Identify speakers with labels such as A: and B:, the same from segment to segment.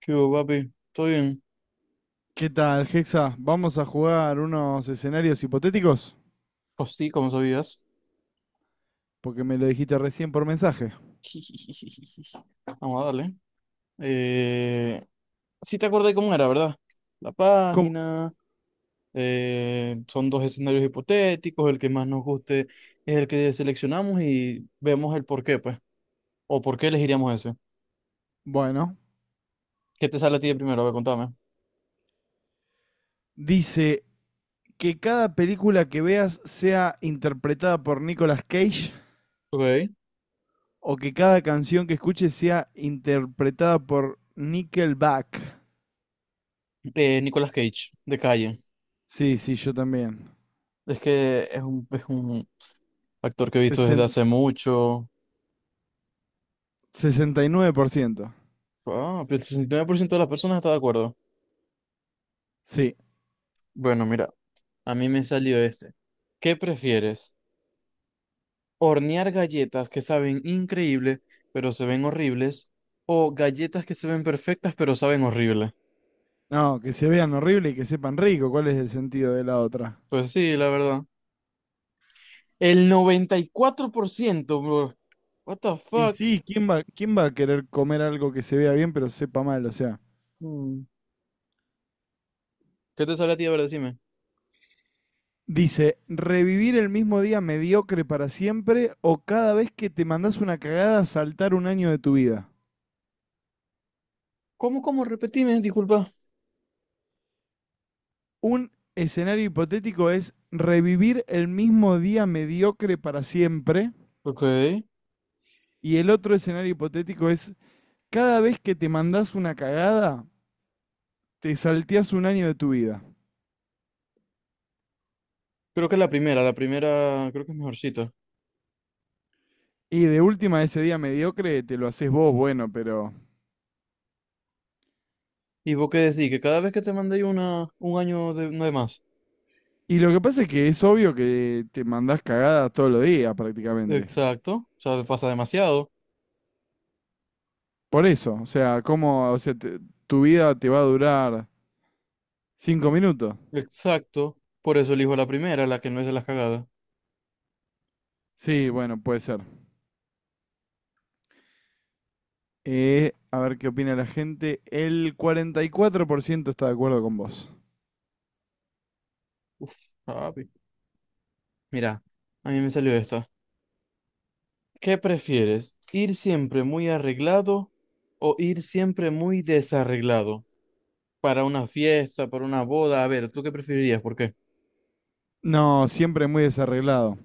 A: ¿Qué hubo, papi? ¿Todo bien?
B: ¿Qué tal, Hexa? Vamos a jugar unos escenarios hipotéticos,
A: Pues sí, como sabías.
B: porque me lo dijiste recién por mensaje.
A: Vamos a darle. Eh, sí te acordás cómo era, ¿verdad? La
B: ¿Cómo?
A: página, son dos escenarios hipotéticos, el que más nos guste es el que seleccionamos y vemos el por qué, pues. O por qué elegiríamos ese.
B: Bueno,
A: ¿Qué te sale a ti de primero? A ver, contame.
B: dice que cada película que veas sea interpretada por Nicolas Cage
A: Ok.
B: o que cada canción que escuches sea interpretada por Nickelback.
A: Nicolas Cage, de calle.
B: Sí, sí, yo también.
A: Es un actor que he visto desde
B: Sesen-
A: hace mucho.
B: 69%.
A: Ah, pero el 69% de las personas está de acuerdo.
B: Sí.
A: Bueno, mira. A mí me salió este. ¿Qué prefieres? ¿Hornear galletas que saben increíble, pero se ven horribles? ¿O galletas que se ven perfectas, pero saben horrible?
B: No, que se vean horrible y que sepan rico. ¿Cuál es el sentido de la otra?
A: Pues sí, la verdad. El 94%, bro. What the
B: Y
A: fuck?
B: sí, ¿quién va a querer comer algo que se vea bien pero sepa mal? O sea,
A: Mm. ¿Qué te sale a ti? A ver, decime.
B: dice, revivir el mismo día mediocre para siempre o cada vez que te mandás una cagada saltar un año de tu vida.
A: ¿Cómo, cómo? Repetime, disculpa.
B: Un escenario hipotético es revivir el mismo día mediocre para siempre
A: Ok.
B: y el otro escenario hipotético es cada vez que te mandás una cagada te salteás un año de tu vida.
A: Creo que la primera, creo que es mejorcita.
B: Y de última ese día mediocre te lo haces vos, bueno, pero...
A: ¿Y vos qué decís? Que cada vez que te mandé una, un año de, no de más.
B: Y lo que pasa es que es obvio que te mandás cagadas todos los días prácticamente.
A: Exacto. O sea, pasa demasiado.
B: Por eso, o sea, ¿cómo, o sea, tu vida te va a durar 5 minutos?
A: Exacto. Por eso elijo la primera, la que no es de las cagadas.
B: Sí, bueno, puede ser. A ver qué opina la gente. El 44% está de acuerdo con vos.
A: Uf, papi. Mira, a mí me salió esta. ¿Qué prefieres? ¿Ir siempre muy arreglado o ir siempre muy desarreglado? Para una fiesta, para una boda. A ver, ¿tú qué preferirías? ¿Por qué?
B: No, siempre muy desarreglado.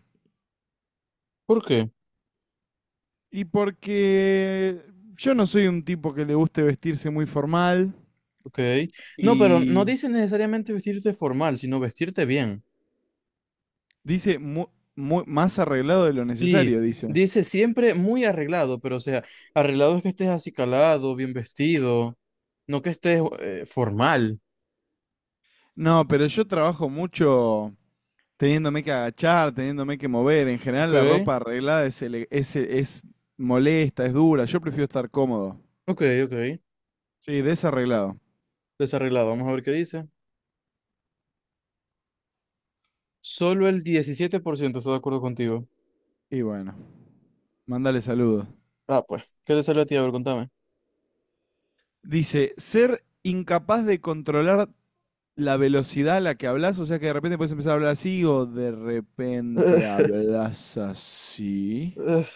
A: ¿Por qué?
B: Y porque yo no soy un tipo que le guste vestirse muy formal.
A: Ok. No, pero no
B: Y
A: dice necesariamente vestirte formal, sino vestirte bien.
B: dice más arreglado de lo
A: Sí,
B: necesario, dice.
A: dice siempre muy arreglado, pero o sea, arreglado es que estés acicalado, bien vestido, no que estés formal.
B: No, pero yo trabajo mucho teniéndome que agachar, teniéndome que mover. En
A: Ok.
B: general la ropa arreglada es molesta, es dura. Yo prefiero estar cómodo.
A: Ok, ok.
B: Sí, desarreglado.
A: Desarreglado. Vamos a ver qué dice. Solo el 17% está de acuerdo contigo.
B: Y bueno, mándale saludos.
A: Ah, pues. ¿Qué te salió a ti? A ver, contame.
B: Dice, ser incapaz de controlar la velocidad a la que hablas, o sea que de repente puedes empezar a hablar así o de repente hablas así.
A: Ugh,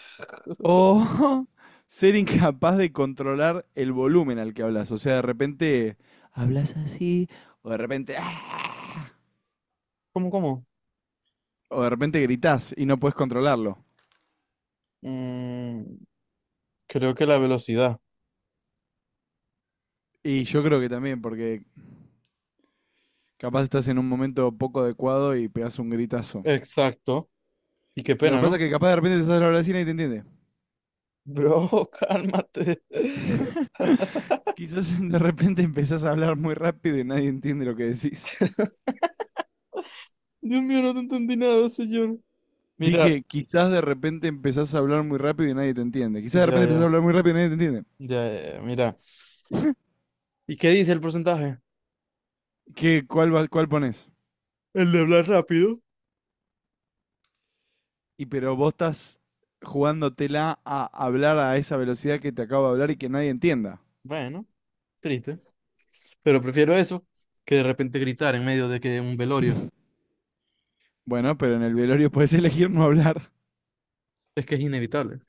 B: O ser incapaz de controlar el volumen al que hablas, o sea, de repente hablas así o de repente, ¡ah!,
A: ¿cómo, cómo?
B: o de repente gritás y no puedes controlarlo.
A: Mm, creo que la velocidad.
B: Y yo creo que también, porque capaz estás en un momento poco adecuado y pegás un gritazo.
A: Exacto. Y qué
B: Lo que
A: pena,
B: pasa es
A: ¿no?
B: que capaz de repente te sale la vecina y nadie te entiende.
A: Bro, cálmate.
B: Quizás de repente empezás a hablar muy rápido y nadie entiende lo que decís.
A: Dios mío, no te entendí nada, señor. Mira,
B: Dije, quizás de repente empezás a hablar muy rápido y nadie te entiende. Quizás de
A: ya,
B: repente empezás a
A: ya,
B: hablar muy rápido y nadie te entiende.
A: ya, ya, ya, mira. ¿Y qué dice el porcentaje?
B: ¿Cuál pones?
A: El de hablar rápido.
B: Y pero vos estás jugándotela a hablar a esa velocidad que te acabo de hablar y que nadie entienda.
A: Bueno, triste. Pero prefiero eso que de repente gritar en medio de que un velorio.
B: Bueno, pero en el velorio puedes elegir no hablar.
A: Es que es inevitable.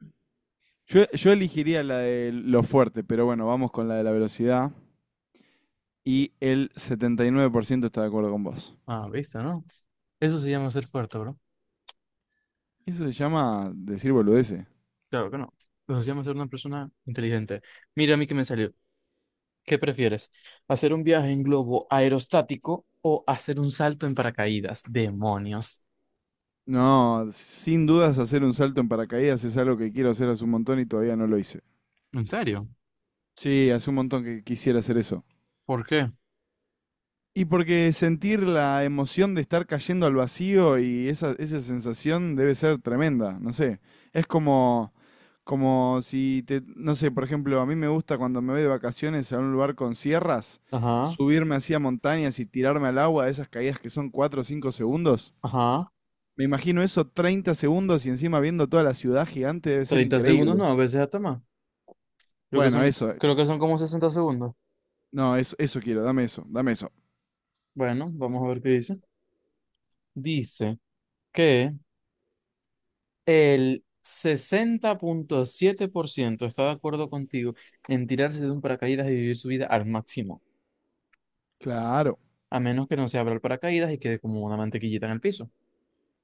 B: Yo elegiría la de lo fuerte, pero bueno, vamos con la de la velocidad. Y el 79% está de acuerdo con vos.
A: Ah, ¿viste, no? Eso se llama ser fuerte, bro.
B: Eso se llama decir boludeces.
A: Claro que no. Eso se llama ser una persona inteligente. Mira a mí que me salió. ¿Qué prefieres? ¿Hacer un viaje en globo aerostático o hacer un salto en paracaídas? Demonios.
B: No, sin dudas hacer un salto en paracaídas es algo que quiero hacer hace un montón y todavía no lo hice.
A: ¿En serio?
B: Sí, hace un montón que quisiera hacer eso.
A: ¿Por qué?
B: Y porque sentir la emoción de estar cayendo al vacío y esa sensación debe ser tremenda, no sé. Es como si te... No sé, por ejemplo, a mí me gusta cuando me voy de vacaciones a un lugar con sierras,
A: Ajá,
B: subirme hacia montañas y tirarme al agua, esas caídas que son 4 o 5 segundos.
A: ajá.
B: Me imagino eso 30 segundos y encima viendo toda la ciudad gigante debe ser
A: 30 segundos,
B: increíble.
A: no, a veces hasta más. Creo que
B: Bueno,
A: son,
B: eso,
A: como 60 segundos.
B: no, eso quiero, dame eso, dame eso.
A: Bueno, vamos a ver qué dice. Dice que el 60,7% está de acuerdo contigo en tirarse de un paracaídas y vivir su vida al máximo,
B: Claro.
A: a menos que no se abra el paracaídas y quede como una mantequillita en el piso.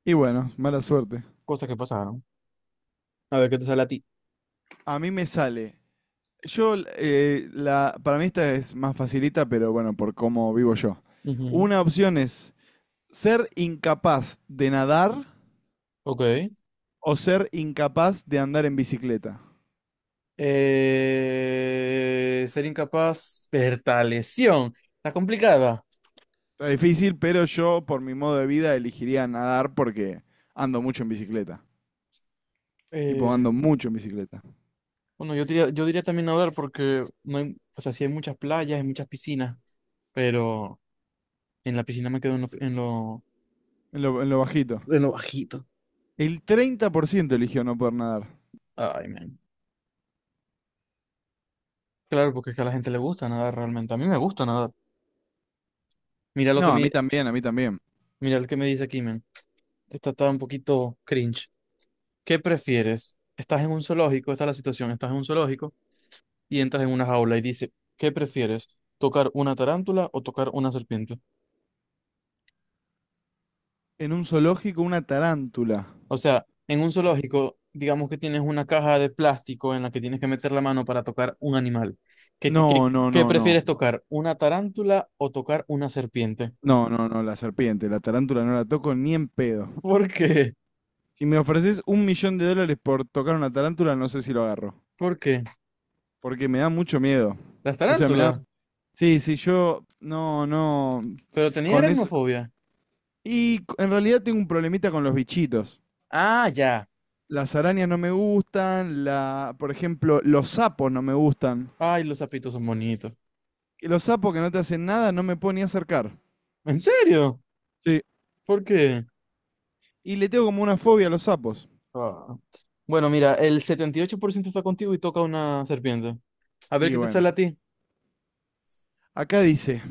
B: Y bueno, mala suerte.
A: Cosas que pasaron. A ver qué te sale a ti.
B: A mí me sale. Para mí esta es más facilita, pero bueno, por cómo vivo yo.
A: Ujú,
B: Una opción es ser incapaz de nadar
A: ok.
B: o ser incapaz de andar en bicicleta.
A: Ser incapaz de lesión. Está complicada.
B: Está difícil, pero yo por mi modo de vida elegiría nadar porque ando mucho en bicicleta. Tipo,
A: Eh,
B: ando mucho en bicicleta.
A: bueno, yo diría, también nadar porque no hay, o sea, sí hay muchas playas, hay muchas piscinas, pero en la piscina me quedo en lo,
B: En lo bajito.
A: en lo bajito.
B: El 30% eligió no poder nadar.
A: Ay, man. Claro, porque es que a la gente le gusta nadar realmente. A mí me gusta nadar. Mira lo que
B: No, a
A: me,
B: mí también, a mí también.
A: mira lo que me dice aquí, men. Esta está un poquito cringe. ¿Qué prefieres? Estás en un zoológico, esta es la situación, estás en un zoológico y entras en una jaula y dice, ¿qué prefieres? ¿Tocar una tarántula o tocar una serpiente?
B: En un zoológico, una tarántula.
A: O sea, en un zoológico, digamos que tienes una caja de plástico en la que tienes que meter la mano para tocar un animal.
B: No,
A: ¿Qué,
B: no,
A: qué
B: no, no.
A: prefieres tocar? ¿Una tarántula o tocar una serpiente?
B: No, no, no, la serpiente, la tarántula no la toco ni en pedo.
A: ¿Por qué?
B: Si me ofreces 1 millón de dólares por tocar una tarántula, no sé si lo agarro.
A: ¿Por qué?
B: Porque me da mucho miedo.
A: ¿Las
B: O sea, me da...
A: tarántulas?
B: Sí, sí, yo... No, no.
A: Pero tenía
B: Con eso...
A: aracnofobia.
B: Y en realidad tengo un problemita con los bichitos.
A: Ah, ya.
B: Las arañas no me gustan, por ejemplo, los sapos no me gustan.
A: Ay, los sapitos son bonitos.
B: Y los sapos que no te hacen nada no me puedo ni acercar.
A: ¿En serio?
B: Sí.
A: ¿Por qué?
B: Y le tengo como una fobia a los sapos.
A: Ah. Bueno, mira, el 78% está contigo y toca una serpiente. A ver
B: Y
A: qué te
B: bueno.
A: sale a ti.
B: Acá dice,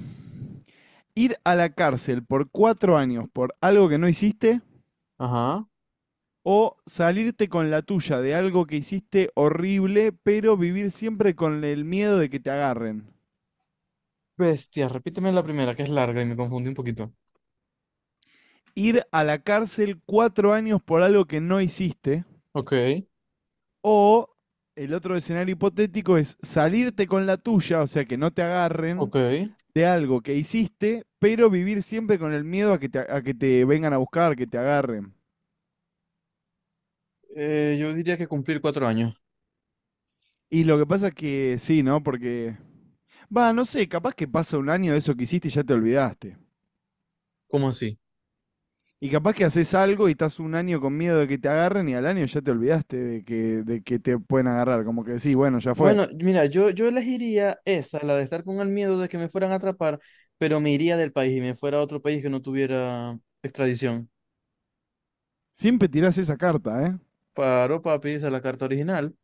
B: ir a la cárcel por 4 años por algo que no hiciste
A: Ajá.
B: o salirte con la tuya de algo que hiciste horrible, pero vivir siempre con el miedo de que te agarren.
A: Bestia, repíteme la primera, que es larga y me confundí un poquito.
B: Ir a la cárcel 4 años por algo que no hiciste
A: Ok,
B: o el otro escenario hipotético es salirte con la tuya, o sea, que no te
A: ok.
B: agarren de algo que hiciste, pero vivir siempre con el miedo a que te, vengan a buscar, que te agarren.
A: Yo diría que cumplir 4 años.
B: Y lo que pasa es que sí, ¿no? Porque va, no sé, capaz que pasa un año de eso que hiciste y ya te olvidaste.
A: ¿Cómo así?
B: Y capaz que haces algo y estás un año con miedo de que te agarren y al año ya te olvidaste de que te pueden agarrar. Como que decís, bueno, ya fue.
A: Bueno, mira, yo elegiría esa, la de estar con el miedo de que me fueran a atrapar, pero me iría del país y me fuera a otro país que no tuviera extradición.
B: Siempre tirás esa carta, ¿eh?
A: Paro, papi, esa es la carta original.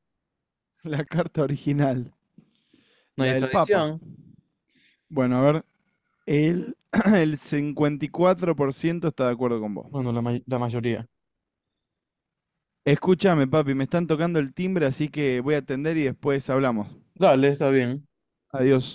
B: La carta original,
A: Nadie
B: la
A: es
B: del Papa.
A: tradición.
B: Bueno, a ver, el, el 54% está de acuerdo con vos.
A: Bueno, la, la mayoría.
B: Escúchame, papi, me están tocando el timbre, así que voy a atender y después hablamos.
A: Dale, está bien.
B: Adiós.